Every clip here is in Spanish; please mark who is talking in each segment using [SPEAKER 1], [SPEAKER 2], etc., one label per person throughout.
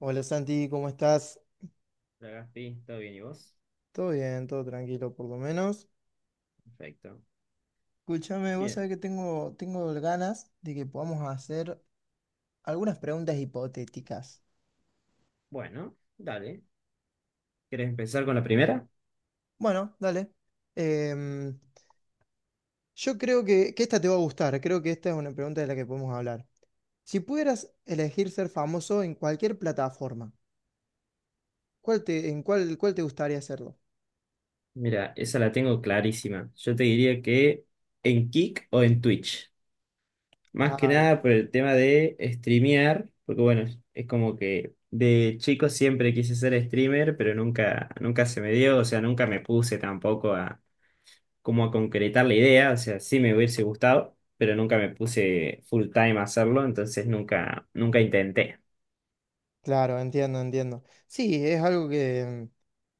[SPEAKER 1] Hola Santi, ¿cómo estás?
[SPEAKER 2] Hola, Gaspi, ¿todo bien y vos?
[SPEAKER 1] Todo bien, todo tranquilo por lo menos.
[SPEAKER 2] Perfecto.
[SPEAKER 1] Escúchame, vos
[SPEAKER 2] Bien,
[SPEAKER 1] sabés que tengo ganas de que podamos hacer algunas preguntas hipotéticas.
[SPEAKER 2] bueno, dale. ¿Querés empezar con la primera?
[SPEAKER 1] Bueno, dale. Em, yo creo que esta te va a gustar, creo que esta es una pregunta de la que podemos hablar. Si pudieras elegir ser famoso en cualquier plataforma, ¿Cuál te gustaría hacerlo?
[SPEAKER 2] Mira, esa la tengo clarísima. Yo te diría que en Kick o en Twitch. Más que
[SPEAKER 1] Ay,
[SPEAKER 2] nada por el tema de streamear, porque bueno, es como que de chico siempre quise ser streamer, pero nunca se me dio, o sea, nunca me puse tampoco a como a concretar la idea, o sea, sí me hubiese gustado, pero nunca me puse full time a hacerlo, entonces nunca intenté.
[SPEAKER 1] claro, entiendo, entiendo. Sí, es algo que,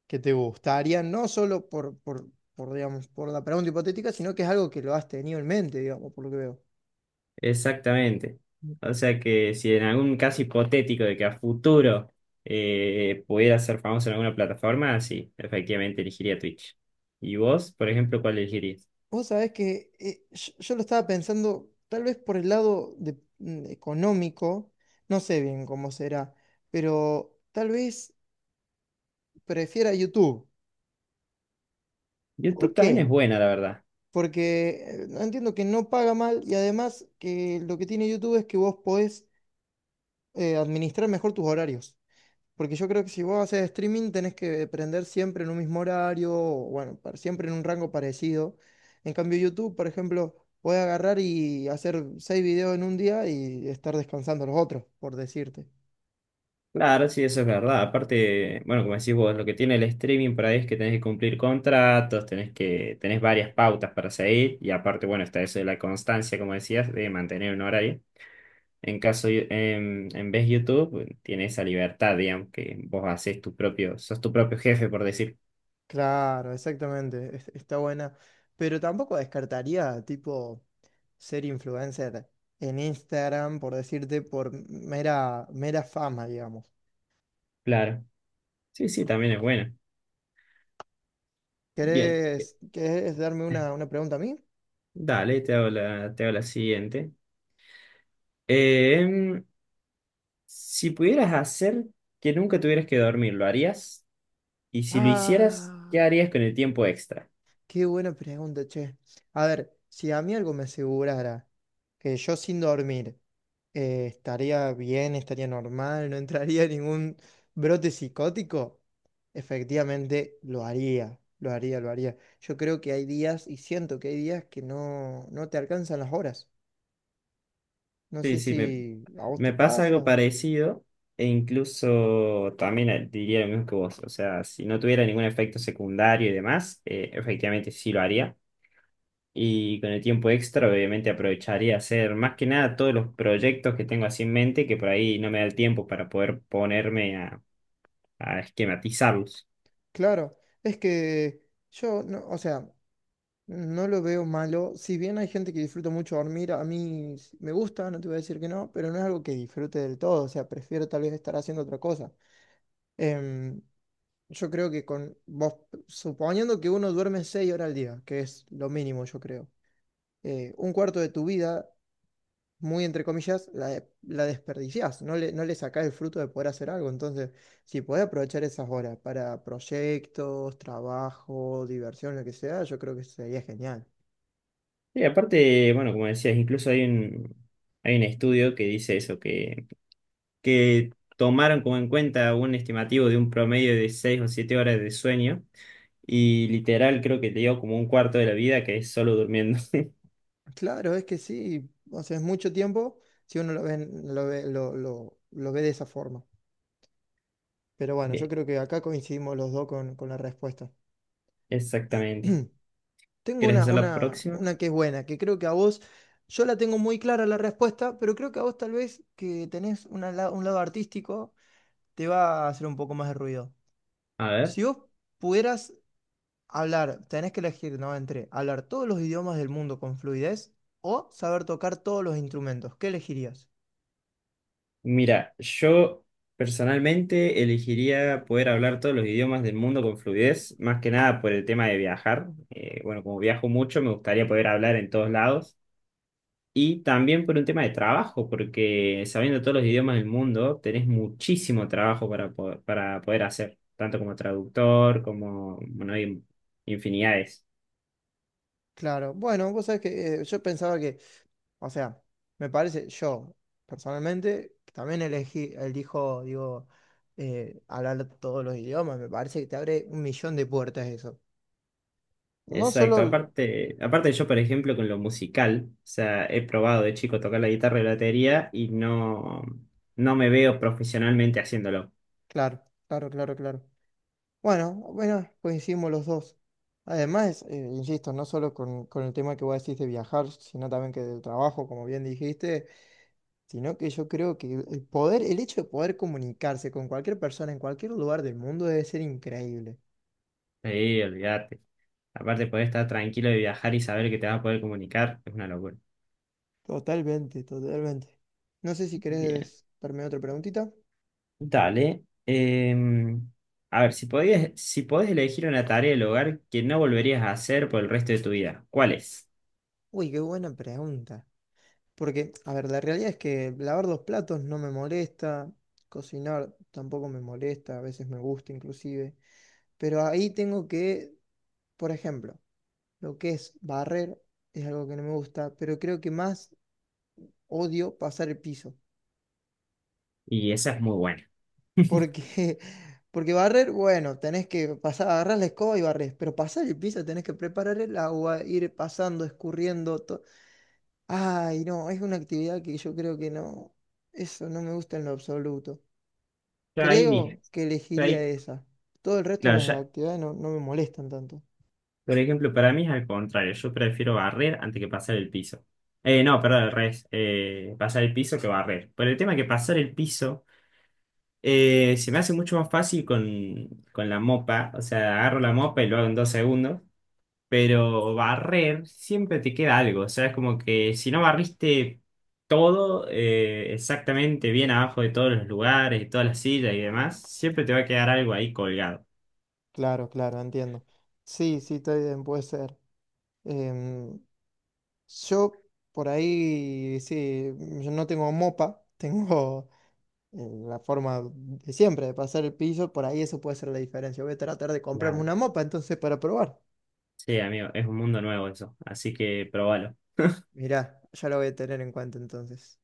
[SPEAKER 1] que te gustaría, no solo por, digamos, por la pregunta hipotética, sino que es algo que lo has tenido en mente, digamos, por lo que veo.
[SPEAKER 2] Exactamente. O sea que si en algún caso hipotético de que a futuro pudiera ser famoso en alguna plataforma, sí, efectivamente elegiría Twitch. ¿Y vos, por ejemplo, cuál elegirías?
[SPEAKER 1] Vos sabés que yo lo estaba pensando tal vez por el lado económico, no sé bien cómo será, pero tal vez prefiera YouTube. ¿Por
[SPEAKER 2] YouTube también es
[SPEAKER 1] qué?
[SPEAKER 2] buena, la verdad.
[SPEAKER 1] Porque no, entiendo que no paga mal, y además que lo que tiene YouTube es que vos podés administrar mejor tus horarios. Porque yo creo que si vos haces streaming tenés que prender siempre en un mismo horario, o bueno, siempre en un rango parecido. En cambio, YouTube, por ejemplo, puede agarrar y hacer seis videos en un día y estar descansando los otros, por decirte.
[SPEAKER 2] Claro, sí, eso es verdad. Aparte, bueno, como decís vos, lo que tiene el streaming por ahí es que tenés que cumplir contratos, tenés varias pautas para seguir, y aparte, bueno, está eso de la constancia, como decías, de mantener un horario. En caso, yo- en vez YouTube, bueno, tiene esa libertad, digamos, que vos haces tu propio, sos tu propio jefe, por decir.
[SPEAKER 1] Claro, exactamente, está buena. Pero tampoco descartaría, tipo, ser influencer en Instagram, por decirte, por mera, mera fama, digamos.
[SPEAKER 2] Claro. Sí, sí, también es bueno. Bien.
[SPEAKER 1] ¿Querés darme una pregunta a mí?
[SPEAKER 2] Dale, te hago la siguiente. Em, si pudieras hacer que nunca tuvieras que dormir, ¿lo harías? Y si lo hicieras, ¿qué
[SPEAKER 1] Ah.
[SPEAKER 2] harías con el tiempo extra?
[SPEAKER 1] Qué buena pregunta, che. A ver, si a mí algo me asegurara que yo sin dormir estaría bien, estaría normal, no entraría en ningún brote psicótico, efectivamente lo haría, lo haría, lo haría. Yo creo que hay días, y siento que hay días que no te alcanzan las horas. No
[SPEAKER 2] Sí,
[SPEAKER 1] sé
[SPEAKER 2] sí,
[SPEAKER 1] si a vos
[SPEAKER 2] me
[SPEAKER 1] te
[SPEAKER 2] pasa algo
[SPEAKER 1] pasa.
[SPEAKER 2] parecido. E incluso también diría lo mismo que vos. O sea, si no tuviera ningún efecto secundario y demás, efectivamente sí lo haría. Y con el tiempo extra, obviamente, aprovecharía hacer más que nada todos los proyectos que tengo así en mente, que por ahí no me da el tiempo para poder a esquematizarlos.
[SPEAKER 1] Claro, es que yo, no, o sea. No lo veo malo. Si bien hay gente que disfruta mucho dormir, a mí me gusta, no te voy a decir que no, pero no es algo que disfrute del todo. O sea, prefiero tal vez estar haciendo otra cosa. Em, yo creo que con vos, suponiendo que uno duerme 6 horas al día, que es lo mínimo, yo creo, un cuarto de tu vida, muy entre comillas, la desperdiciás. No le sacás el fruto de poder hacer algo. Entonces, si podés aprovechar esas horas para proyectos, trabajo, diversión, lo que sea, yo creo que sería genial.
[SPEAKER 2] Y aparte, bueno, como decías, hay un estudio que dice eso, que tomaron como en cuenta un estimativo de un promedio de 6 o 7 horas de sueño, y literal creo que te dio como un cuarto de la vida que es solo durmiendo.
[SPEAKER 1] Claro, es que sí, o sea, es mucho tiempo si uno lo ve, lo ve, lo ve de esa forma. Pero bueno, yo
[SPEAKER 2] Bien,
[SPEAKER 1] creo que acá coincidimos los dos con la respuesta.
[SPEAKER 2] exactamente.
[SPEAKER 1] Tengo
[SPEAKER 2] ¿Quieres
[SPEAKER 1] una,
[SPEAKER 2] hacer la
[SPEAKER 1] una,
[SPEAKER 2] próxima?
[SPEAKER 1] una que es buena, que creo que a vos, yo la tengo muy clara la respuesta, pero creo que a vos tal vez que tenés un lado artístico, te va a hacer un poco más de ruido.
[SPEAKER 2] A ver.
[SPEAKER 1] Si vos pudieras hablar, tenés que elegir, ¿no? Entre hablar todos los idiomas del mundo con fluidez o saber tocar todos los instrumentos, ¿qué elegirías?
[SPEAKER 2] Mira, yo personalmente elegiría poder hablar todos los idiomas del mundo con fluidez, más que nada por el tema de viajar. Bueno, como viajo mucho, me gustaría poder hablar en todos lados. Y también por un tema de trabajo, porque sabiendo todos los idiomas del mundo, tenés muchísimo trabajo para poder hacer, tanto como traductor, como, bueno, hay infinidades.
[SPEAKER 1] Claro, bueno, vos sabés que yo pensaba que, o sea, me parece, yo personalmente también elegí, elijo, digo, hablar todos los idiomas, me parece que te abre un millón de puertas eso. No
[SPEAKER 2] Exacto,
[SPEAKER 1] solo,
[SPEAKER 2] aparte yo, por ejemplo, con lo musical, o sea, he probado de chico tocar la guitarra y la batería y no me veo profesionalmente haciéndolo.
[SPEAKER 1] claro, claro, claro, claro. Bueno, bueno, coincidimos los dos. Además, insisto, no solo con el tema que vos decís de viajar, sino también que del trabajo, como bien dijiste, sino que yo creo que el poder, el hecho de poder comunicarse con cualquier persona en cualquier lugar del mundo debe ser increíble.
[SPEAKER 2] Sí, olvídate. Aparte, poder estar tranquilo de viajar y saber que te vas a poder comunicar es una locura.
[SPEAKER 1] Totalmente, totalmente. No sé si
[SPEAKER 2] Bien,
[SPEAKER 1] querés darme otra preguntita.
[SPEAKER 2] dale. Em, a ver, si podés elegir una tarea del hogar que no volverías a hacer por el resto de tu vida, ¿cuál es?
[SPEAKER 1] Uy, qué buena pregunta. Porque, a ver, la realidad es que lavar los platos no me molesta, cocinar tampoco me molesta, a veces me gusta inclusive, pero ahí tengo que, por ejemplo, lo que es barrer es algo que no me gusta, pero creo que más odio pasar el piso,
[SPEAKER 2] Y esa es muy buena.
[SPEAKER 1] porque porque barrer, bueno, tenés que pasar, agarrar la escoba y barrer, pero pasar el piso tenés que preparar el agua, ir pasando, escurriendo. Ay, no, es una actividad que yo creo que no, eso no me gusta en lo absoluto.
[SPEAKER 2] Ya ahí, dije-
[SPEAKER 1] Creo que
[SPEAKER 2] ya
[SPEAKER 1] elegiría
[SPEAKER 2] ahí-
[SPEAKER 1] esa. Todo el resto de
[SPEAKER 2] claro,
[SPEAKER 1] las
[SPEAKER 2] ya,
[SPEAKER 1] actividades no, no me molestan tanto.
[SPEAKER 2] por ejemplo, para mí es al contrario. Yo prefiero barrer antes que pasar el piso. No, perdón, al revés. Pasar el piso que barrer. Pero el tema es que pasar el piso se me hace mucho más fácil con la mopa. O sea, agarro la mopa y lo hago en dos segundos. Pero barrer siempre te queda algo. O sea, es como que si no barriste todo exactamente bien abajo de todos los lugares, de todas las sillas y demás, siempre te va a quedar algo ahí colgado.
[SPEAKER 1] Claro, claro, entiendo. Sí, sí, está bien, puede ser. Em, yo por ahí, sí, yo no tengo mopa, tengo la forma de siempre de pasar el piso, por ahí eso puede ser la diferencia. Voy a tratar de comprarme
[SPEAKER 2] Claro.
[SPEAKER 1] una mopa entonces para probar.
[SPEAKER 2] Sí, amigo, es un mundo nuevo eso. Así que probalo.
[SPEAKER 1] Mirá, ya lo voy a tener en cuenta entonces.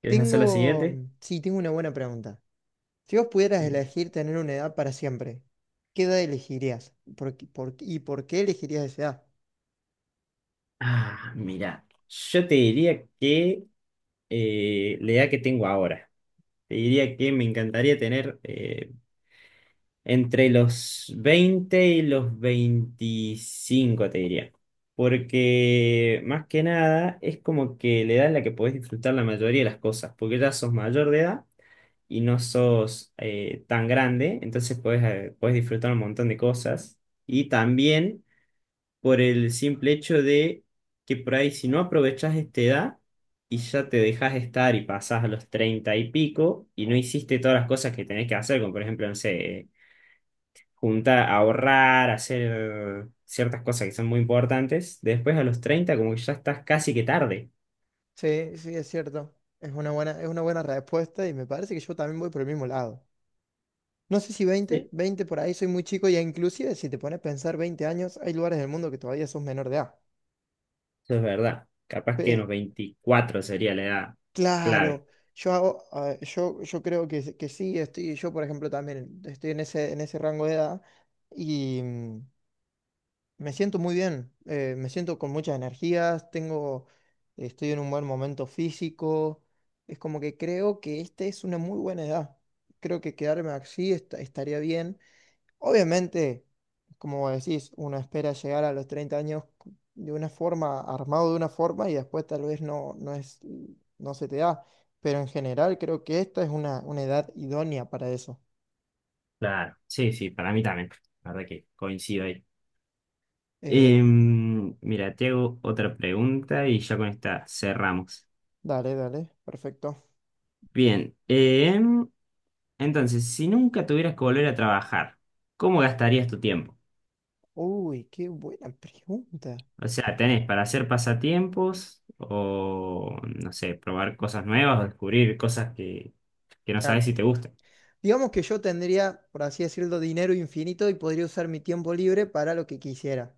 [SPEAKER 2] ¿Quieres hacer la
[SPEAKER 1] Tengo,
[SPEAKER 2] siguiente?
[SPEAKER 1] sí, tengo una buena pregunta. Si vos pudieras
[SPEAKER 2] Bien.
[SPEAKER 1] elegir tener una edad para siempre, ¿qué edad elegirías? ¿Y por qué elegirías esa edad?
[SPEAKER 2] Ah, mira, yo te diría que la edad que tengo ahora, te diría que me encantaría tener entre los 20 y los 25. Te diría. Porque más que nada es como que la edad en la que podés disfrutar la mayoría de las cosas, porque ya sos mayor de edad y no sos tan grande, entonces podés disfrutar un montón de cosas. Y también por el simple hecho de que por ahí si no aprovechás esta edad y ya te dejas estar y pasás a los 30 y pico y no hiciste todas las cosas que tenés que hacer, como por ejemplo, no sé, juntar, ahorrar, hacer ciertas cosas que son muy importantes, después a los 30 como que ya estás casi que tarde.
[SPEAKER 1] Sí, sí, es cierto. Es una buena respuesta y me parece que yo también voy por el mismo lado. No sé si veinte
[SPEAKER 2] Sí.
[SPEAKER 1] veinte por ahí soy muy chico, y inclusive si te pones a pensar 20 años, hay lugares del mundo que todavía sos menor de edad.
[SPEAKER 2] Eso es verdad. Capaz que en
[SPEAKER 1] Pe-
[SPEAKER 2] los 24 sería la edad clave.
[SPEAKER 1] claro, yo hago, ah, yo creo que sí, estoy, yo por ejemplo también estoy en ese rango de edad y... me siento muy bien, me siento con muchas energías, tengo, estoy en un buen momento físico. Es como que creo que esta es una muy buena edad. Creo que quedarme así estaría bien. Obviamente, como decís, uno espera llegar a los 30 años de una forma, armado de una forma, y después tal vez no, no es, no se te da. Pero en general creo que esta es una edad idónea para eso.
[SPEAKER 2] Claro, sí, sí, para mí también. La verdad que coincido ahí.
[SPEAKER 1] Eh,
[SPEAKER 2] Mira, te hago otra pregunta y ya con esta cerramos.
[SPEAKER 1] dale, dale, perfecto.
[SPEAKER 2] Bien, entonces, si nunca tuvieras que volver a trabajar, ¿cómo gastarías tu tiempo?
[SPEAKER 1] Uy, qué buena pregunta.
[SPEAKER 2] O sea, ¿tenés para hacer pasatiempos o, no sé, probar cosas nuevas o descubrir que no sabes
[SPEAKER 1] Claro.
[SPEAKER 2] si te gustan?
[SPEAKER 1] Digamos que yo tendría, por así decirlo, dinero infinito y podría usar mi tiempo libre para lo que quisiera.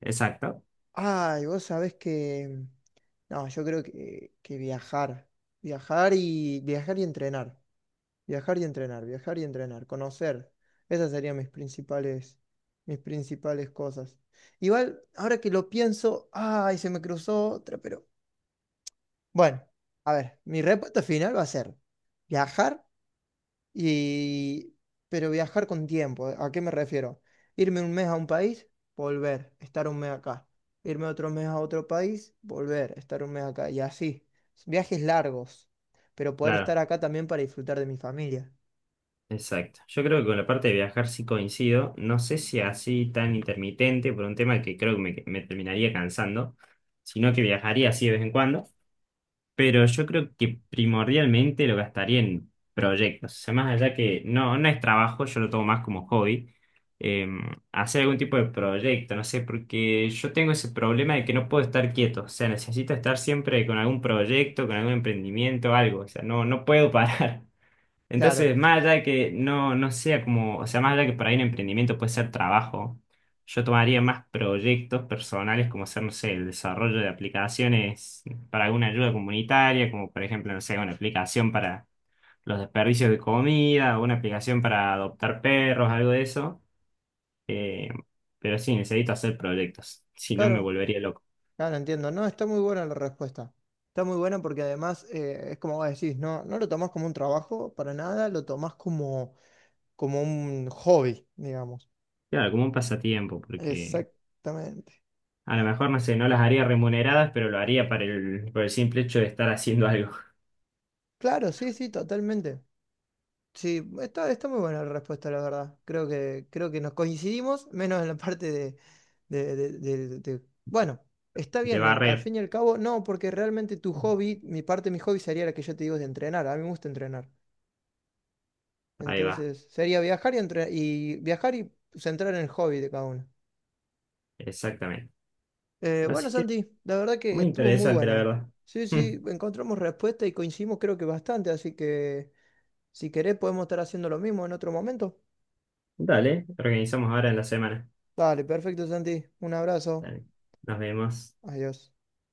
[SPEAKER 2] Exacto,
[SPEAKER 1] Ay, vos sabés que... No, yo creo que viajar. Viajar y viajar y entrenar. Viajar y entrenar, viajar y entrenar, conocer. Esas serían mis principales cosas. Igual, ahora que lo pienso, ay, se me cruzó otra, pero bueno, a ver, mi respuesta final va a ser viajar. Y pero viajar con tiempo, ¿a qué me refiero? Irme un mes a un país, volver, estar un mes acá. Irme otro mes a otro país, volver, estar un mes acá. Y así, viajes largos, pero poder
[SPEAKER 2] claro,
[SPEAKER 1] estar acá también para disfrutar de mi familia.
[SPEAKER 2] exacto. Yo creo que con la parte de viajar sí coincido. No sé si así tan intermitente por un tema que creo que me terminaría cansando, sino que viajaría así de vez en cuando. Pero yo creo que primordialmente lo gastaría en proyectos. O sea, más allá que no es trabajo, yo lo tomo más como hobby. eh, hacer algún tipo de proyecto, no sé, porque yo tengo ese problema de que no puedo estar quieto. O sea, necesito estar siempre con algún proyecto, con algún emprendimiento, algo. O sea, no puedo parar.
[SPEAKER 1] Claro,
[SPEAKER 2] Entonces, más allá de que no sea como, o sea, más allá de que por ahí un emprendimiento puede ser trabajo, yo tomaría más proyectos personales como ser, no sé, el desarrollo de aplicaciones para alguna ayuda comunitaria, como por ejemplo, no sé, una aplicación para los desperdicios de comida, o una aplicación para adoptar perros, algo de eso. Eh, pero sí, necesito hacer proyectos, si no me
[SPEAKER 1] claro,
[SPEAKER 2] volvería loco.
[SPEAKER 1] claro, entiendo. No, está muy buena la respuesta. Está muy buena porque además es como vos decís, no, no lo tomás como un trabajo para nada, lo tomás como, como un hobby, digamos.
[SPEAKER 2] Claro, como un pasatiempo, porque
[SPEAKER 1] Exactamente.
[SPEAKER 2] a lo mejor, no sé, no las haría remuneradas, pero lo haría para el, por el simple hecho de estar haciendo algo.
[SPEAKER 1] Claro, sí, sí, totalmente. Sí, está, está muy buena la respuesta, la verdad. Creo que nos coincidimos, menos en la parte de. Bueno, está
[SPEAKER 2] De
[SPEAKER 1] bien, al
[SPEAKER 2] barrer.
[SPEAKER 1] fin y al cabo, no, porque realmente tu hobby, mi parte de mi hobby sería la que yo te digo de entrenar. A mí me gusta entrenar.
[SPEAKER 2] Ahí va,
[SPEAKER 1] Entonces, sería viajar y, y viajar y centrar en el hobby de cada uno.
[SPEAKER 2] exactamente. Así
[SPEAKER 1] Bueno,
[SPEAKER 2] que
[SPEAKER 1] Santi, la verdad que
[SPEAKER 2] muy
[SPEAKER 1] estuvo muy
[SPEAKER 2] interesante, la
[SPEAKER 1] buena.
[SPEAKER 2] verdad.
[SPEAKER 1] Sí, sí, encontramos respuesta y coincidimos creo que bastante, así que si querés podemos estar haciendo lo mismo en otro momento.
[SPEAKER 2] Dale, organizamos ahora en la semana.
[SPEAKER 1] Dale, perfecto, Santi. Un abrazo.
[SPEAKER 2] Dale, nos vemos.
[SPEAKER 1] Adiós.